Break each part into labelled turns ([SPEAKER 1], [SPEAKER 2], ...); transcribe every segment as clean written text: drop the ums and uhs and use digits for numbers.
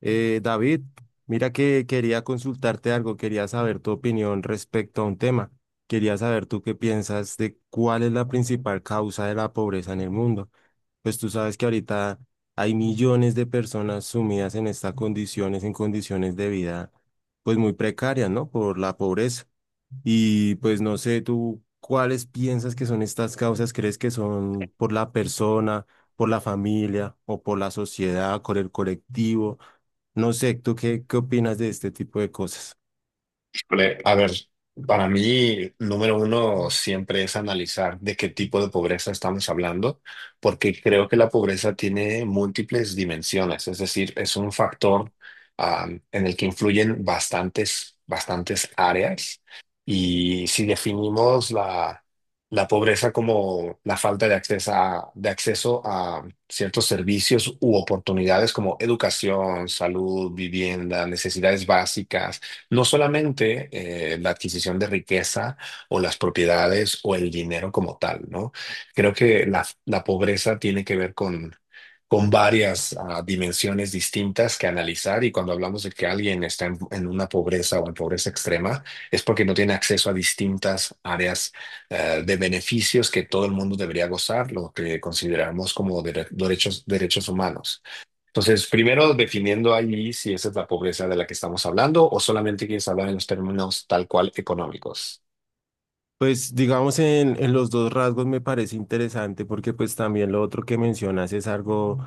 [SPEAKER 1] David, mira que quería consultarte algo, quería saber tu opinión respecto a un tema. Quería saber tú qué piensas de cuál es la principal causa de la pobreza en el mundo. Pues tú sabes que ahorita hay millones de personas sumidas en estas condiciones, en condiciones de vida, pues muy precarias, ¿no? Por la pobreza. Y pues no sé, tú, ¿cuáles piensas que son estas causas? ¿Crees que son por la persona, por la familia o por la sociedad, por el colectivo? No sé, ¿tú qué opinas de este tipo de cosas?
[SPEAKER 2] Híjole, a ver, para mí, número uno siempre es analizar de qué tipo de pobreza estamos hablando, porque creo que la pobreza tiene múltiples dimensiones, es decir, es un factor, en el que influyen bastantes áreas. Y si definimos la pobreza como la falta de de acceso a ciertos servicios u oportunidades como educación, salud, vivienda, necesidades básicas, no solamente la adquisición de riqueza o las propiedades o el dinero como tal, ¿no? Creo que la pobreza tiene que ver con varias dimensiones distintas que analizar, y cuando hablamos de que alguien está en una pobreza o en pobreza extrema es porque no tiene acceso a distintas áreas de beneficios que todo el mundo debería gozar, lo que consideramos como derechos, derechos humanos. Entonces, primero definiendo ahí si esa es la pobreza de la que estamos hablando o solamente quieres hablar en los términos tal cual económicos.
[SPEAKER 1] Pues digamos en los dos rasgos me parece interesante porque pues también lo otro que mencionas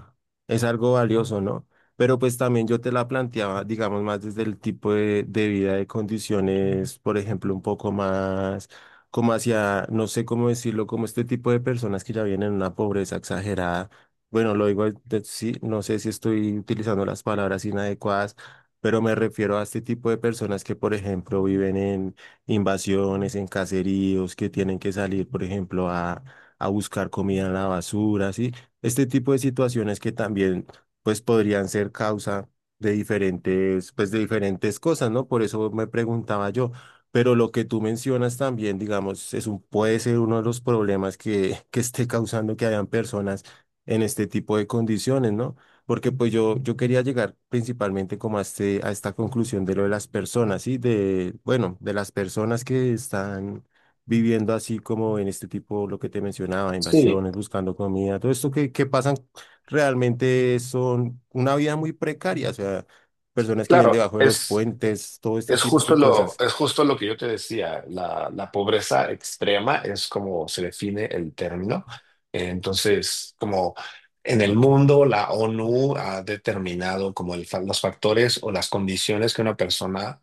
[SPEAKER 1] es algo valioso, ¿no? Pero pues también yo te la planteaba, digamos, más desde el tipo de vida, de condiciones, por ejemplo, un poco más como hacia, no sé cómo decirlo, como este tipo de personas que ya vienen en una pobreza exagerada. Bueno, lo digo, sí, no sé si estoy utilizando las palabras inadecuadas, pero me refiero a este tipo de personas que, por ejemplo, viven invasiones en caseríos que tienen que salir, por ejemplo, a buscar comida en la basura, ¿sí? Este tipo de situaciones que también, pues, podrían ser causa de diferentes, pues, de diferentes cosas, ¿no? Por eso me preguntaba yo. Pero lo que tú mencionas también, digamos, es un, puede ser uno de los problemas que esté causando que hayan personas en este tipo de condiciones, ¿no? Porque pues yo quería llegar principalmente como a, este, a esta conclusión de lo de las personas, ¿sí? De, bueno, de las personas que están viviendo así como en este tipo, lo que te mencionaba,
[SPEAKER 2] Sí,
[SPEAKER 1] invasiones, buscando comida, todo esto que pasan realmente son una vida muy precaria, o sea, personas que viven
[SPEAKER 2] claro,
[SPEAKER 1] debajo de los puentes, todo este
[SPEAKER 2] es
[SPEAKER 1] tipo
[SPEAKER 2] justo
[SPEAKER 1] de
[SPEAKER 2] lo,
[SPEAKER 1] cosas.
[SPEAKER 2] es justo lo que yo te decía, la pobreza extrema es como se define el término. Entonces, como en el
[SPEAKER 1] Ok.
[SPEAKER 2] mundo, la ONU ha determinado como los factores o las condiciones que una persona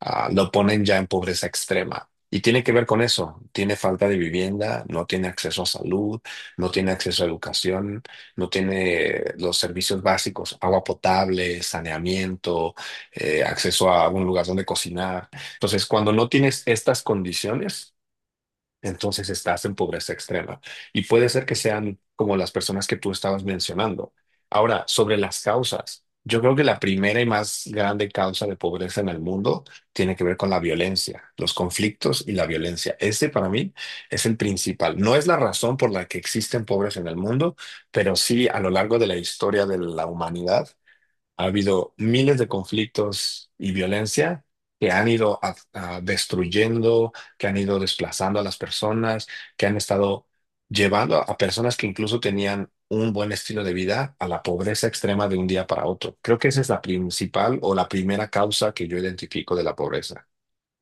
[SPEAKER 2] lo ponen ya en pobreza extrema. Y tiene que ver con eso: tiene falta de vivienda, no tiene acceso a salud, no tiene acceso a educación, no tiene los servicios básicos, agua potable, saneamiento, acceso a un lugar donde cocinar. Entonces, cuando no tienes estas condiciones, entonces estás en pobreza extrema. Y puede ser que sean como las personas que tú estabas mencionando. Ahora, sobre las causas, yo creo que la primera y más grande causa de pobreza en el mundo tiene que ver con la violencia, los conflictos y la violencia. Ese para mí es el principal. No es la razón por la que existen pobres en el mundo, pero sí a lo largo de la historia de la humanidad ha habido miles de conflictos y violencia que han ido a destruyendo, que han ido desplazando a las personas, que han estado llevando a personas que incluso tenían un buen estilo de vida a la pobreza extrema de un día para otro. Creo que esa es la principal o la primera causa que yo identifico de la pobreza.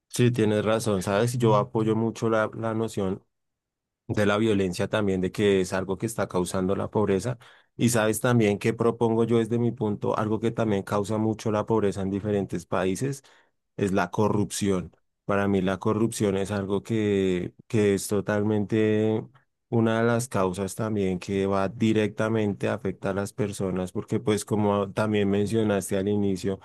[SPEAKER 1] Sí, tienes razón, ¿sabes? Yo apoyo mucho la noción de la violencia también, de que es algo que está causando la pobreza. Y sabes también que propongo yo desde mi punto, algo que también causa mucho la pobreza en diferentes países, es la corrupción. Para mí la corrupción es algo que es totalmente una de las causas también que va directamente a afectar a las personas, porque pues como también mencionaste al inicio,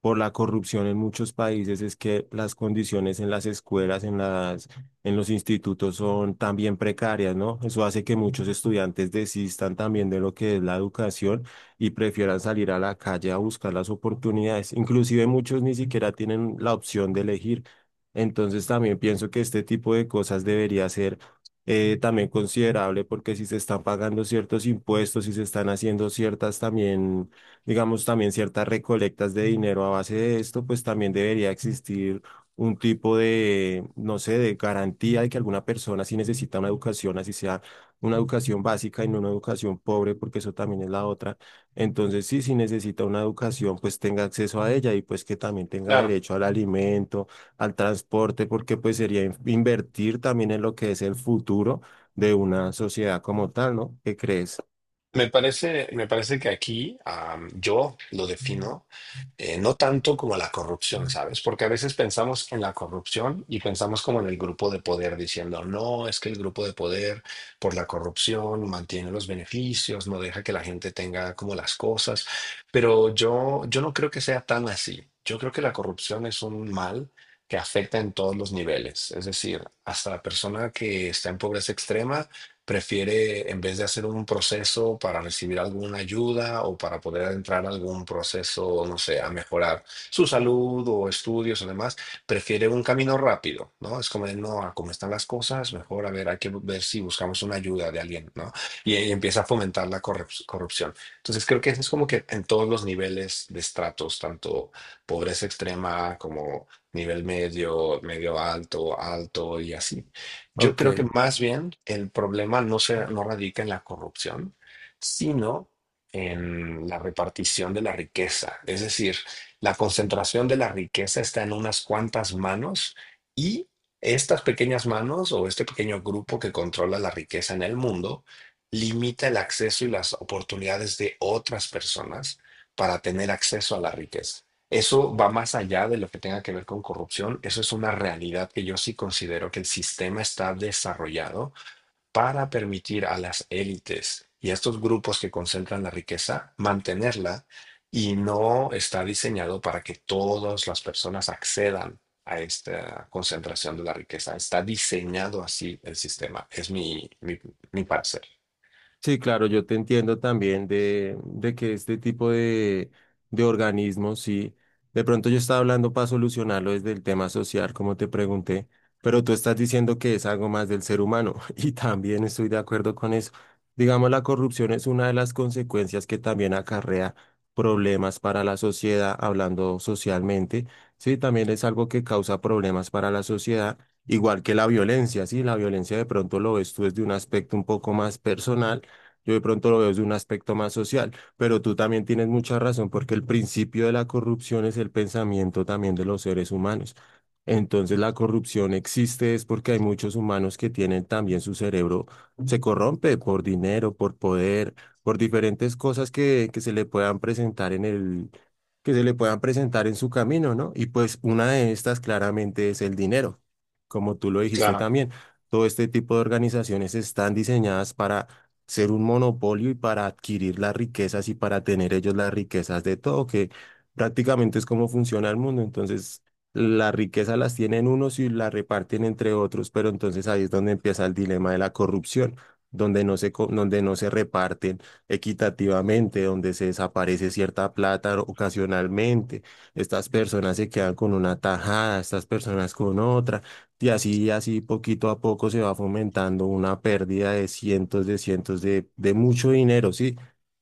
[SPEAKER 1] por la corrupción en muchos países es que las condiciones en las escuelas, en los institutos son también precarias, ¿no? Eso hace que muchos estudiantes desistan también de lo que es la educación y prefieran salir a la calle a buscar las oportunidades. Inclusive muchos ni siquiera tienen la opción de elegir. Entonces también pienso que este tipo de cosas debería ser también considerable porque si se están pagando ciertos impuestos, si se están haciendo ciertas también digamos, también ciertas recolectas de dinero a base de esto, pues también debería existir un tipo de, no sé, de garantía de que alguna persona si necesita una educación, así sea una educación básica y no una educación pobre, porque eso también es la otra. Entonces, sí, si necesita una educación, pues tenga acceso a ella y pues que también tenga
[SPEAKER 2] Claro.
[SPEAKER 1] derecho al alimento, al transporte, porque pues sería invertir también en lo que es el futuro de una sociedad como tal, ¿no? ¿Qué crees?
[SPEAKER 2] Me parece que aquí yo lo defino no tanto como la corrupción, ¿sabes? Porque a veces pensamos en la corrupción y pensamos como en el grupo de poder, diciendo, no, es que el grupo de poder por la corrupción mantiene los beneficios, no deja que la gente tenga como las cosas, pero yo no creo que sea tan así. Yo creo que la corrupción es un mal que afecta en todos los niveles, es decir, hasta la persona que está en pobreza extrema prefiere, en vez de hacer un proceso para recibir alguna ayuda o para poder entrar a algún proceso, no sé, a mejorar su salud o estudios o demás, prefiere un camino rápido, ¿no? Es como, de, no, a cómo están las cosas, mejor, a ver, hay que ver si buscamos una ayuda de alguien, ¿no? Y empieza a fomentar la corrupción. Entonces, creo que eso es como que en todos los niveles de estratos, tanto pobreza extrema como nivel medio, medio alto, alto y así. Yo creo que
[SPEAKER 1] Ok.
[SPEAKER 2] más bien el problema no radica en la corrupción, sino en la repartición de la riqueza. Es decir, la concentración de la riqueza está en unas cuantas manos, y estas pequeñas manos o este pequeño grupo que controla la riqueza en el mundo limita el acceso y las oportunidades de otras personas para tener acceso a la riqueza. Eso va más allá de lo que tenga que ver con corrupción. Eso es una realidad. Que yo sí considero que el sistema está desarrollado para permitir a las élites y a estos grupos que concentran la riqueza mantenerla, y no está diseñado para que todas las personas accedan a esta concentración de la riqueza. Está diseñado así el sistema. Es mi parecer.
[SPEAKER 1] Sí, claro, yo te entiendo también de que este tipo de organismos, sí, de pronto yo estaba hablando para solucionarlo desde el tema social, como te pregunté, pero tú estás diciendo que es algo más del ser humano y también estoy de acuerdo con eso. Digamos, la corrupción es una de las consecuencias que también acarrea problemas para la sociedad, hablando socialmente, sí, también es algo que causa problemas para la sociedad. Igual que la violencia, sí, la violencia de pronto lo ves tú desde un aspecto un poco más personal, yo de pronto lo veo desde un aspecto más social, pero tú también tienes mucha razón porque el principio de la corrupción es el pensamiento también de los seres humanos. Entonces la corrupción existe es porque hay muchos humanos que tienen también su cerebro, se corrompe por dinero, por poder, por diferentes cosas que se le puedan presentar en el, que se le puedan presentar en su camino, ¿no? Y pues una de estas claramente es el dinero, como tú lo dijiste
[SPEAKER 2] Claro,
[SPEAKER 1] también. Todo este tipo de organizaciones están diseñadas para ser un monopolio y para adquirir las riquezas y para tener ellos las riquezas de todo, que prácticamente es como funciona el mundo. Entonces, las riquezas las tienen unos y las reparten entre otros, pero entonces ahí es donde empieza el dilema de la corrupción, donde donde no se reparten equitativamente, donde se desaparece cierta plata ocasionalmente, estas personas se quedan con una tajada, estas personas con otra. Y así, así poquito a poco se va fomentando una pérdida de cientos de de mucho dinero, ¿sí?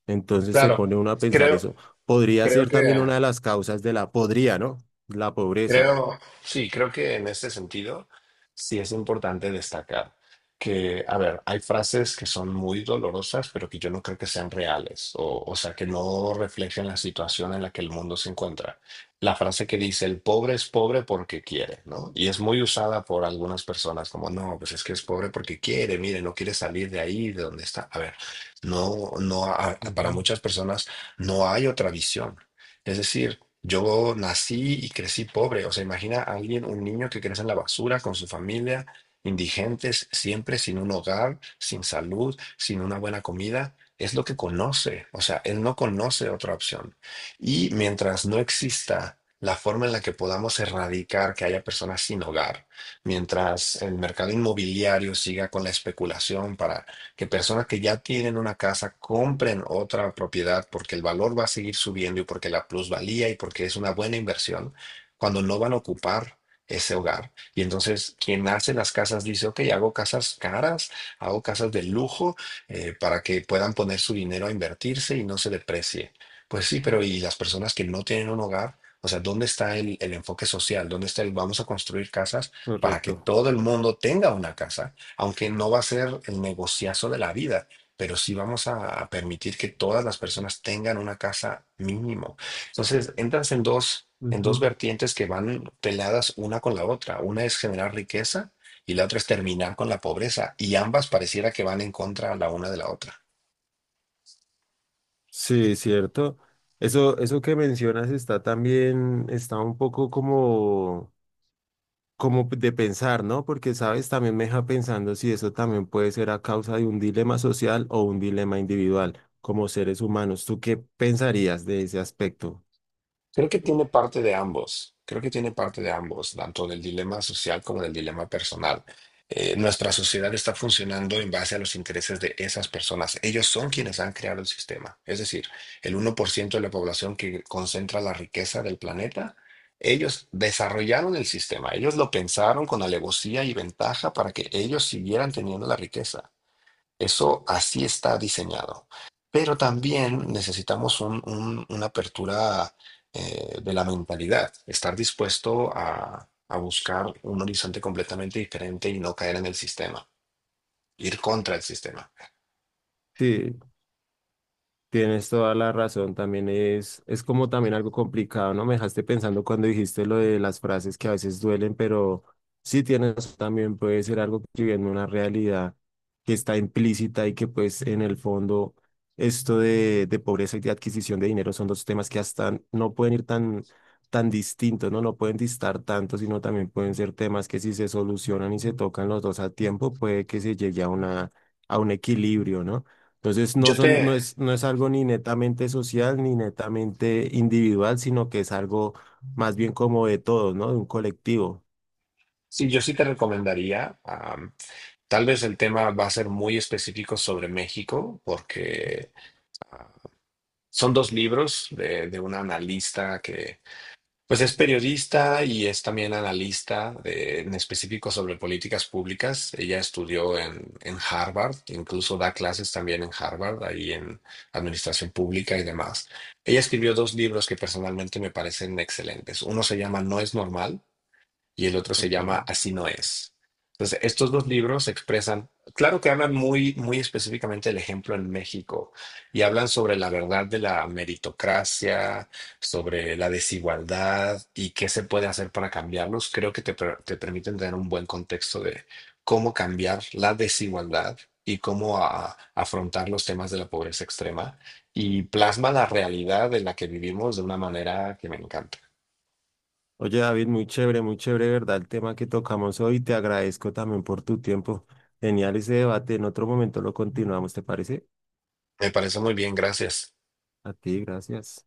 [SPEAKER 1] Entonces se
[SPEAKER 2] claro.
[SPEAKER 1] pone uno a pensar
[SPEAKER 2] Creo,
[SPEAKER 1] eso. Podría
[SPEAKER 2] creo
[SPEAKER 1] ser también
[SPEAKER 2] que...
[SPEAKER 1] una de las causas de la, podría, ¿no? La pobreza.
[SPEAKER 2] Creo, sí, creo que en este sentido sí es importante destacar que, a ver, hay frases que son muy dolorosas, pero que yo no creo que sean reales, o sea, que no reflejen la situación en la que el mundo se encuentra. La frase que dice, el pobre es pobre porque quiere, ¿no? Y es muy usada por algunas personas como, no, pues es que es pobre porque quiere, mire, no quiere salir de ahí, de donde está. A ver, no, no, para
[SPEAKER 1] Ujú,
[SPEAKER 2] muchas personas no hay otra visión. Es decir, yo nací y crecí pobre. O sea, imagina a alguien, un niño que crece en la basura con su familia, indigentes, siempre sin un hogar, sin salud, sin una buena comida. Es lo que conoce. O sea, él no conoce otra opción. Y mientras no exista la forma en la que podamos erradicar que haya personas sin hogar, mientras el mercado inmobiliario siga con la especulación para que personas que ya tienen una casa compren otra propiedad porque el valor va a seguir subiendo y porque la plusvalía y porque es una buena inversión cuando no van a ocupar ese hogar. Y entonces quien hace las casas dice, ok, hago casas caras, hago casas de lujo, para que puedan poner su dinero a invertirse y no se deprecie. Pues sí, pero ¿y las personas que no tienen un hogar? O sea, ¿dónde está el enfoque social? ¿Dónde está el vamos a construir casas para que
[SPEAKER 1] correcto.
[SPEAKER 2] todo el mundo tenga una casa? Aunque no va a ser el negociazo de la vida, pero sí vamos a permitir que todas las personas tengan una casa mínimo. Entonces, entras en dos
[SPEAKER 1] Ujú.
[SPEAKER 2] vertientes que van peladas una con la otra. Una es generar riqueza y la otra es terminar con la pobreza, y ambas pareciera que van en contra la una de la otra.
[SPEAKER 1] Sí, cierto. Eso que mencionas está también, está un poco como como de pensar, ¿no? Porque, sabes, también me deja pensando si eso también puede ser a causa de un dilema social o un dilema individual como seres humanos. ¿Tú qué pensarías de ese aspecto?
[SPEAKER 2] Creo que tiene parte de ambos, tanto del dilema social como del dilema personal. Nuestra sociedad está funcionando en base a los intereses de esas personas. Ellos son quienes han creado el sistema. Es decir, el 1% de la población que concentra la riqueza del planeta, ellos desarrollaron el sistema. Ellos lo pensaron con alevosía y ventaja para que ellos siguieran teniendo la riqueza. Eso así está diseñado. Pero también necesitamos una apertura, de la mentalidad, estar dispuesto a buscar un horizonte completamente diferente y no caer en el sistema, ir contra el sistema.
[SPEAKER 1] Sí. Tienes toda la razón, también es como también algo complicado, ¿no? Me dejaste pensando cuando dijiste lo de las frases que a veces duelen, pero sí tienes también puede ser algo que viene una realidad que está implícita y que pues en el fondo esto de pobreza y de adquisición de dinero son dos temas que hasta no pueden ir tan, tan distintos, ¿no? No pueden distar tanto, sino también pueden ser temas que si se solucionan y se tocan los dos a tiempo, puede que se llegue a una, a un equilibrio, ¿no? Entonces no
[SPEAKER 2] Yo te,
[SPEAKER 1] son, no es, no es algo ni netamente social ni netamente individual, sino que es algo más bien como de todos, ¿no? De un colectivo.
[SPEAKER 2] sí, yo sí te recomendaría, tal vez el tema va a ser muy específico sobre México, porque son dos libros de una analista que pues es periodista y es también analista en específico sobre políticas públicas. Ella estudió en Harvard, incluso da clases también en Harvard, ahí en administración pública y demás. Ella escribió dos libros que personalmente me parecen excelentes. Uno se llama No es normal y el otro se
[SPEAKER 1] Ok.
[SPEAKER 2] llama Así no es. Entonces, estos dos libros expresan, claro que hablan muy, muy específicamente del ejemplo en México, y hablan sobre la verdad de la meritocracia, sobre la desigualdad y qué se puede hacer para cambiarlos. Creo que te permiten tener un buen contexto de cómo cambiar la desigualdad y cómo afrontar los temas de la pobreza extrema, y plasma la realidad en la que vivimos de una manera que me encanta.
[SPEAKER 1] Oye, David, muy chévere, ¿verdad? El tema que tocamos hoy, te agradezco también por tu tiempo. Genial ese debate. En otro momento lo continuamos, ¿te parece?
[SPEAKER 2] Me parece muy bien, gracias.
[SPEAKER 1] A ti, gracias.